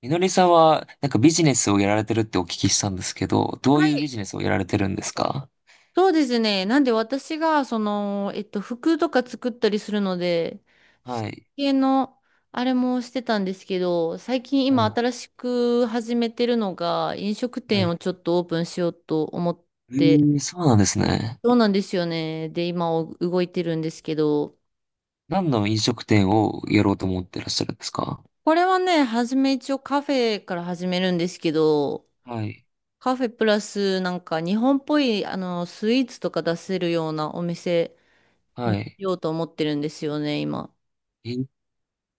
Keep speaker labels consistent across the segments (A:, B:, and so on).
A: みのりさんは、なんかビジネスをやられてるってお聞きしたんですけど、どう
B: は
A: いうビ
B: い。
A: ジネスをやられてるんですか？
B: そうですね。なんで私が、服とか作ったりするので、そ
A: はい。
B: 系の、あれもしてたんですけど、最近今
A: はい。
B: 新しく始めてるのが、飲食
A: は
B: 店を
A: い。
B: ちょっとオープンしようと思って、
A: えー、そうなんですね。
B: そうなんですよね。で、今お動いてるんですけど、
A: 何の飲食店をやろうと思ってらっしゃるんですか？
B: これはね、初め一応カフェから始めるんですけど、
A: はい。
B: カフェプラスなんか日本っぽい、スイーツとか出せるようなお店に
A: は
B: し
A: い。
B: ようと思ってるんですよね、今。
A: え、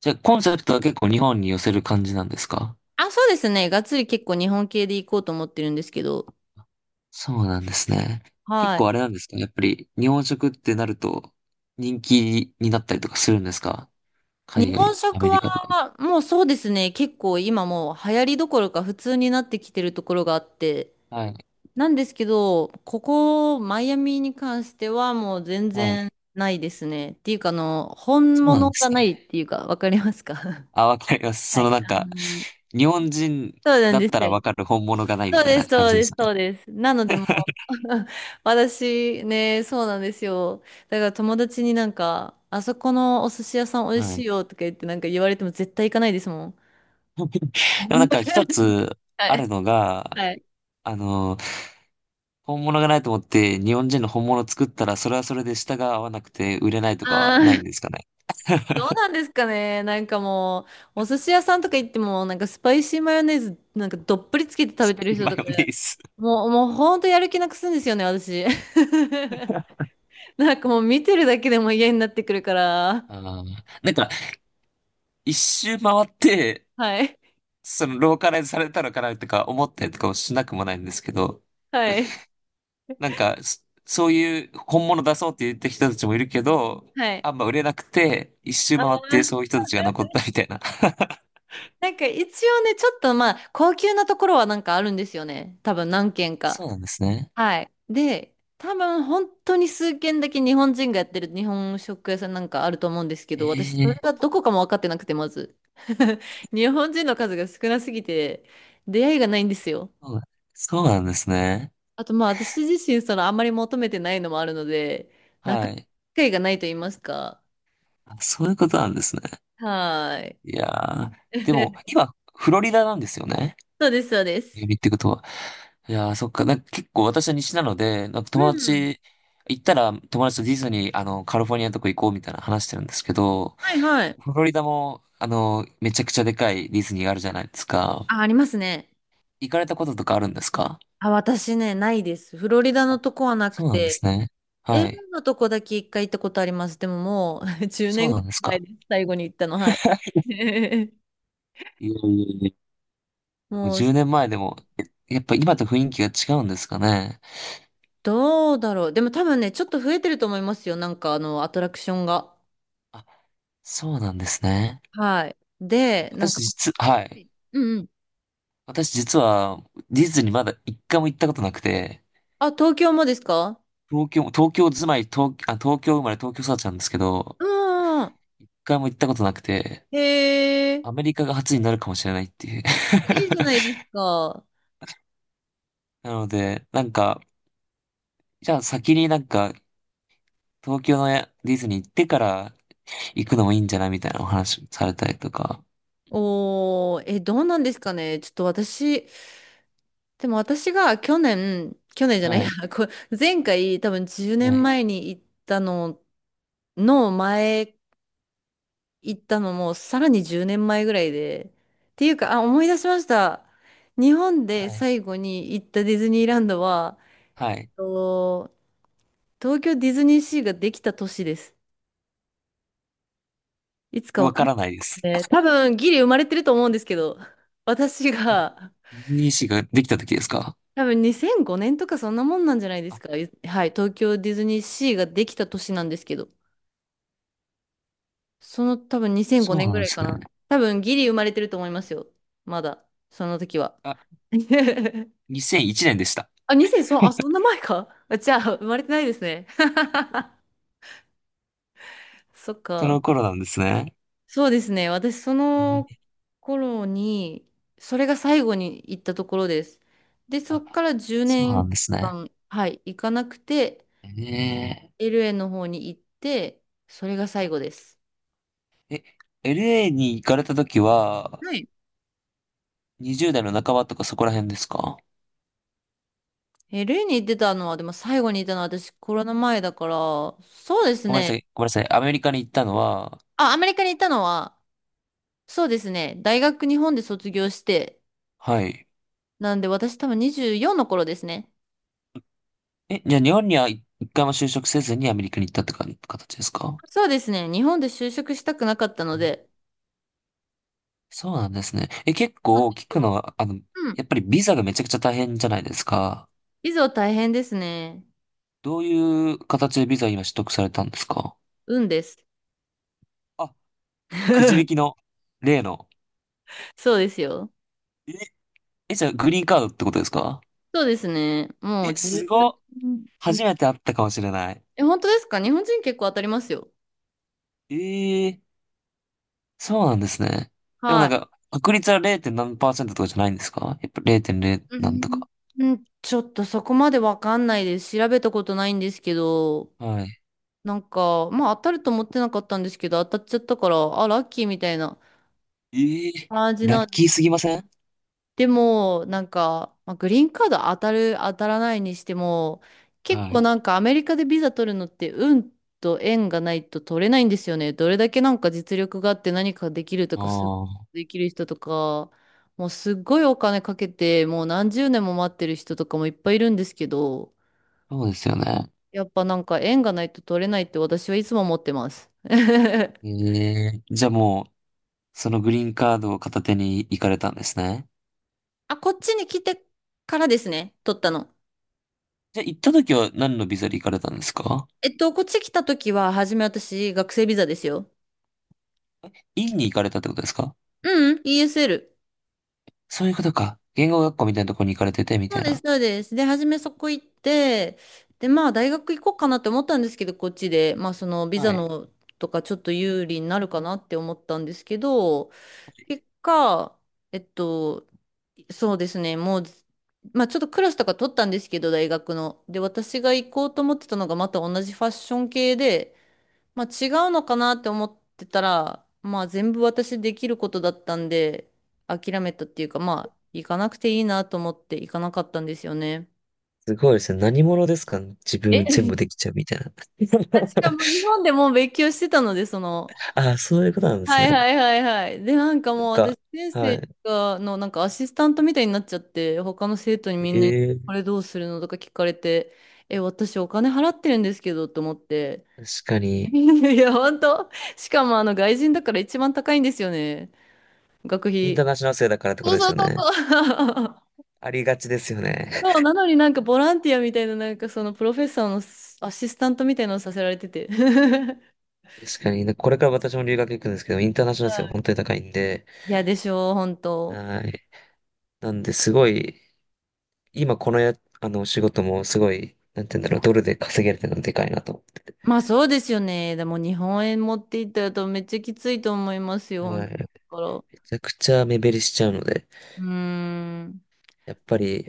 A: じゃあ、コンセプトは結構日本に寄せる感じなんですか？
B: あ、そうですね。がっつり結構日本系で行こうと思ってるんですけど。
A: そうなんですね。結
B: はい。
A: 構あれなんですか？やっぱり、日本食ってなると、人気になったりとかするんですか？海
B: 日本
A: 外、ア
B: 食
A: メリ
B: は、
A: カとか。
B: もうそうですね。結構今もう流行りどころか普通になってきてるところがあって。
A: はい。
B: なんですけど、ここ、マイアミに関してはもう全
A: は
B: 然
A: い。
B: ないですね。っていうか、本
A: そうなん
B: 物
A: です
B: がない
A: ね。
B: っていうか、わかりますか？
A: あ、わかりま す。
B: は
A: その
B: い。
A: なんか、日本人
B: そうなん
A: だ
B: で
A: っ
B: す
A: たらわ
B: よ。
A: かる本物がないみ
B: そう
A: たい
B: で
A: な
B: す、
A: 感
B: そう
A: じで
B: で
A: し
B: す、
A: た
B: そ
A: ね。
B: うです。なので、もう 私ね、そうなんですよ。だから友達になんか、あそこのお寿司屋さん美味
A: は
B: しい
A: い。
B: よとか言ってなんか言われても絶対行かないですもん。
A: でもなんか一つ
B: は
A: ある
B: い。
A: のが、
B: はい。
A: あの、本物がないと思って日本人の本物を作ったらそれはそれで舌が合わなくて売れないとかは
B: ああ、
A: ない んですかね。
B: どうなんですかね。なんかもう、お寿司屋さんとか行っても、なんかスパイシーマヨネーズなんかどっぷりつけて食べてる 人
A: マ
B: と
A: ヨ
B: か、
A: ネーズ。
B: もう、もうほんとやる気なくすんですよね、私。なんかもう見てるだけでも嫌になってくるから。
A: ああ。なんか一周回って、
B: はい。
A: そのローカライズされたのかなとか思ったりとかもしなくもないんですけど、
B: はい。
A: なんかそういう本物出そうって言った人たちもいるけど、
B: はい。
A: あんま売れなくて、一周
B: あ
A: 回っ
B: あ。
A: てそういう人たちが残ったみたいな。
B: なんか一応ね、ちょっとまあ、高級なところはなんかあるんですよね。多分何軒か。
A: そうなんですね。
B: はい。で、多分本当に数軒だけ日本人がやってる日本食屋さんなんかあると思うんですけど、私それ
A: え
B: が
A: え、
B: どこかも分かってなくて、まず。日本人の数が少なすぎて、出会いがないんですよ。
A: そう、そうなんですね。
B: あとまあ、私自身そのあんまり求めてないのもあるので、なかな
A: は
B: か
A: い。
B: 機会がないと言いますか。
A: あ、そういうことなんですね。
B: はーい。
A: いやー、でも、今、フロリダなんですよね。
B: そうです、そうです。
A: 指ってことは。いやー、そっか。なんか結構私は西なので、なんか
B: う
A: 友
B: ん。
A: 達、行ったら友達とディズニー、あの、カリフォルニアのとこ行こうみたいな話してるんですけど、
B: はいはい。
A: フロリダも、あの、めちゃくちゃでかいディズニーがあるじゃないですか。
B: あ、ありますね。
A: 行かれたこととかあるんですか？
B: あ、私ね、ないです。フロリダの
A: あ、
B: とこはなく
A: そうなんで
B: て、
A: すね。
B: ー
A: はい。
B: ルのとこだけ一回行ったことあります。でももう 10
A: そう
B: 年ぐ
A: なん
B: らい
A: です
B: 前
A: か。
B: です。最後に行ったの、はい。
A: いやいやいや、
B: もう、
A: 10年前でも、え、やっぱ今と雰囲気が違うんですかね。
B: どうだろう。でも多分ね、ちょっと増えてると思いますよ。なんかアトラクションが。
A: あ、そうなんですね。
B: はい。で、なんか、
A: はい。
B: うんうん。
A: 私実はディズニーまだ一回も行ったことなくて、
B: あ、東京もですか？
A: 東京生まれ東京育ちなんですけど、
B: うんうん。
A: 一回も行ったことなくて、
B: へ
A: アメ
B: え、
A: リカが初になるかもしれないっていう。
B: いいじゃないです か。
A: なので、なんか、じゃあ先になんか、東京のやディズニー行ってから行くのもいいんじゃないみたいなお話されたりとか。
B: おー、え、どうなんですかね。ちょっと私、でも私が去年、去年じゃない
A: は
B: や、
A: い。
B: 前回多分10
A: は
B: 年
A: い。
B: 前に行ったのの前行ったのもさらに10年前ぐらいで。っていうか、あ、思い出しました。日本
A: は
B: で
A: い。
B: 最後に行ったディズニーランドは、
A: はい。
B: と東京ディズニーシーができた年です。いつかわ
A: わ
B: かん
A: か
B: ない
A: らないです。
B: ね。多分ギリ生まれてると思うんですけど、私が
A: NEC ができた時ですか？
B: 多分2005年とかそんなもんなんじゃないです
A: あ、
B: か。はい、東京ディズニーシーができた年なんですけど。その多分2005
A: そう
B: 年
A: なん
B: ぐ
A: で
B: らい
A: す
B: かな。
A: ね。
B: 多分ギリ生まれてると思いますよ。まだ。その時は。
A: あ、2001年でした。
B: あ、2000、そう、あ、そんな前か。あ、じゃあ、生まれてないですね。そっ
A: そ
B: か。
A: の頃なんですね。
B: そうですね。私、そ
A: え
B: の
A: ー
B: 頃に、それが最後に行ったところです。で、そ
A: あ、
B: っから10
A: そうな
B: 年
A: んですね。
B: 間、はい、行かなくて、
A: え
B: LA の方に行って、それが最後です。
A: え、LA に行かれた時は、
B: はい
A: 20代の半ばとかそこら辺ですか？
B: え、ルエーに行ってたのは、でも最後にいたのは私コロナ前だから、そうです
A: ごめんなさ
B: ね。
A: い、ごめんなさい。アメリカに行ったのは、
B: あ、アメリカに行ったのは、そうですね。大学日本で卒業して、
A: はい。
B: なんで私多分24の頃ですね。
A: え、じゃあ日本には一回も就職せずにアメリカに行ったってか形ですか？
B: そうですね。日本で就職したくなかったの
A: うん。
B: で。
A: そうなんですね。え、結
B: そうなん
A: 構
B: で
A: 聞
B: す
A: くの
B: よ。
A: は、
B: うん。
A: やっぱりビザがめちゃくちゃ大変じゃないですか。
B: いざ大変ですね。
A: どういう形でビザ今取得されたんですか？
B: 運です。
A: あ、くじ引き の、例の。
B: そうですよ。
A: え、え、じゃあグリーンカードってことですか？
B: そうですね。もう
A: え、すごっ。
B: 10、
A: 初めて会ったかもしれない。
B: え、本当ですか？日本人結構当たりますよ。
A: ええ。そうなんですね。でもな
B: は
A: ん
B: い。
A: か、確率は 0. 何パーセントとかじゃないんですか？やっぱ0.0
B: う
A: なんと
B: ん。
A: か。
B: うん、ちょっとそこまでわかんないです。調べたことないんですけど、
A: はい。
B: なんか、まあ当たると思ってなかったんですけど、当たっちゃったから、あ、ラッキーみたいな
A: ええ、
B: 感じ
A: ラ
B: な
A: ッ
B: んで、
A: キーすぎません？
B: でも、なんか、まあ、グリーンカード当たる、当たらないにしても、結
A: は
B: 構
A: い。
B: なんかアメリカでビザ取るのって運と縁がないと取れないんですよね。どれだけなんか実力があって何かできるとか、
A: ああ、
B: できる人とか、もうすっごいお金かけて、もう何十年も待ってる人とかもいっぱいいるんですけど、
A: そうですよね。
B: やっぱなんか縁がないと取れないって私はいつも思ってます。
A: ええ、じゃあもう、そのグリーンカードを片手に行かれたんですね。
B: あ、こっちに来てからですね、取ったの。
A: じゃあ行った時は何のビザで行かれたんですか？
B: こっち来た時は、初め私、学生ビザですよ。
A: 院に行かれたってことですか？
B: うん、ESL。
A: そういうことか。言語学校みたいなところに行かれてて、み
B: そ
A: た
B: う
A: い
B: です、
A: な。
B: そうです。で、初めそこ行って、で、まあ、大学行こうかなって思ったんですけど、こっちで、まあ、ビ
A: は
B: ザ
A: い。
B: のとか、ちょっと有利になるかなって思ったんですけど、結果、えっと、そうですね。もう、まあちょっとクラスとか取ったんですけど、大学の。で、私が行こうと思ってたのがまた同じファッション系で、まあ違うのかなって思ってたら、まあ全部私できることだったんで、諦めたっていうか、まあ行かなくていいなと思って行かなかったんですよね。
A: すごいですね。何者ですか？自
B: え、
A: 分全部でき ちゃうみたいな。
B: 私が もう日本でもう勉強してたので、その、
A: ああ、そういうことなんです
B: はいは
A: ね。
B: いはいはい。で、なんか
A: な
B: も
A: ん
B: う私、
A: か、
B: 先
A: は
B: 生
A: い。
B: がのなんかアシスタントみたいになっちゃって、他の生徒にみんなに、
A: え
B: こ
A: え、
B: れどうするのとか聞かれて、え、私お金払ってるんですけどと思って。
A: 確か に。
B: いや、本当。しかもあの外人だから一番高いんですよね。学
A: インタ
B: 費。
A: ーナショナル生だからってこ
B: そ
A: と
B: う
A: です
B: そう
A: よ
B: そ
A: ね。
B: うそう。
A: ありがちですよね。
B: そう、なのになんかボランティアみたいな、なんかそのプロフェッサーのアシスタントみたいなのをさせられてて。
A: 確かに。これから私も留学行くんですけど、インターナショ
B: は
A: ナル生は
B: い
A: 本当に高いんで、
B: いや、でしょう、本当。
A: はい。なんで、すごい、今このや、あの、仕事もすごい、なんて言うんだろう、ドルで稼げるってのがでかいなと思ってて。
B: まあそうですよね。でも日本円持っていったら多分めっちゃきついと思いますよ。
A: はい。
B: 本当だか
A: めちゃくちゃ目減りしちゃうので、
B: ら。うーん。
A: やっぱり、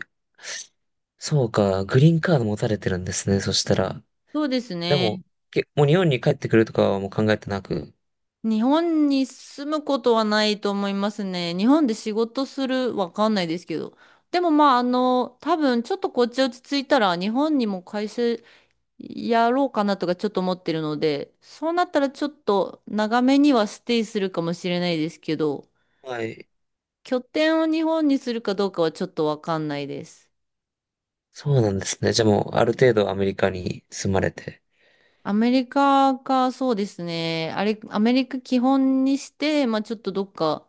A: そうか、グリーンカード持たれてるんですね、そしたら。
B: そうです
A: でも、
B: ね。
A: もう日本に帰ってくるとかはもう考えてなく。
B: 日本に住むことはないと思いますね。日本で仕事する、わかんないですけど。でもまあ多分ちょっとこっち落ち着いたら日本にも会社やろうかなとかちょっと思ってるので、そうなったらちょっと長めにはステイするかもしれないですけど、
A: はい。
B: 拠点を日本にするかどうかはちょっとわかんないです。
A: そうなんですね。じゃあもう、ある程度アメリカに住まれて。
B: アメリカか、そうですね。あれ、アメリカ基本にして、まあちょっとどっか、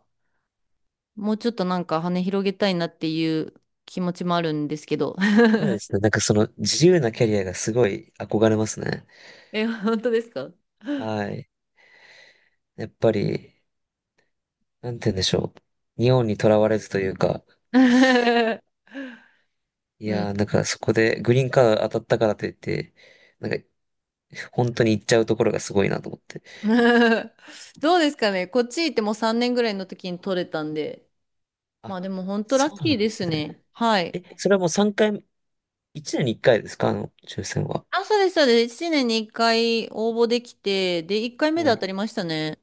B: もうちょっとなんか羽広げたいなっていう気持ちもあるんですけど。
A: そうですね。なんかその自由なキャリアがすごい憧れますね。
B: え、本当ですか？
A: はい。やっぱり、なんて言うんでしょう。日本にとらわれずというか、
B: う
A: いやー、なん
B: ん。
A: かそこでグリーンカード当たったからといって、なんか、本当に行っちゃうところがすごいなと思って。
B: どうですかね。こっち行ってもう3年ぐらいの時に取れたんで。ま
A: あ、
B: あでも本当ラッ
A: そうな
B: キー
A: んで
B: で
A: す
B: す
A: ね。
B: ね。はい。
A: え、それはもう3回、1年に1回ですか？抽選は。
B: あ、そうです、そうです。1年に1回応募できて、で、1回目で
A: は
B: 当
A: い。
B: たりましたね。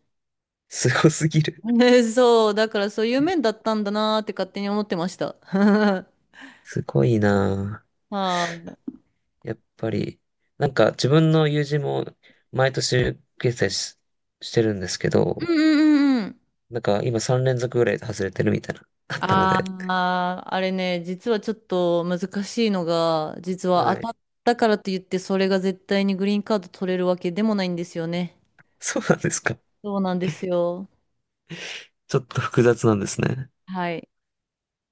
A: すごすぎ る。
B: ねそう、だからそういう面だったんだなーって勝手に思ってました。
A: すごいな
B: はい。うん
A: ぁ。やっぱり、なんか自分の友人も毎年決済し、してるんですけ
B: う
A: ど、
B: んうんうん。
A: なんか今3連続ぐらいで外れてるみたいな、あったの
B: あ
A: で。
B: あ、あれね、実はちょっと難しいのが、実
A: は
B: は
A: い。
B: 当たったからといって、それが絶対にグリーンカード取れるわけでもないんですよね。
A: そうなんですか。
B: そうなんですよ。
A: ちょっと複雑なんですね。
B: はい。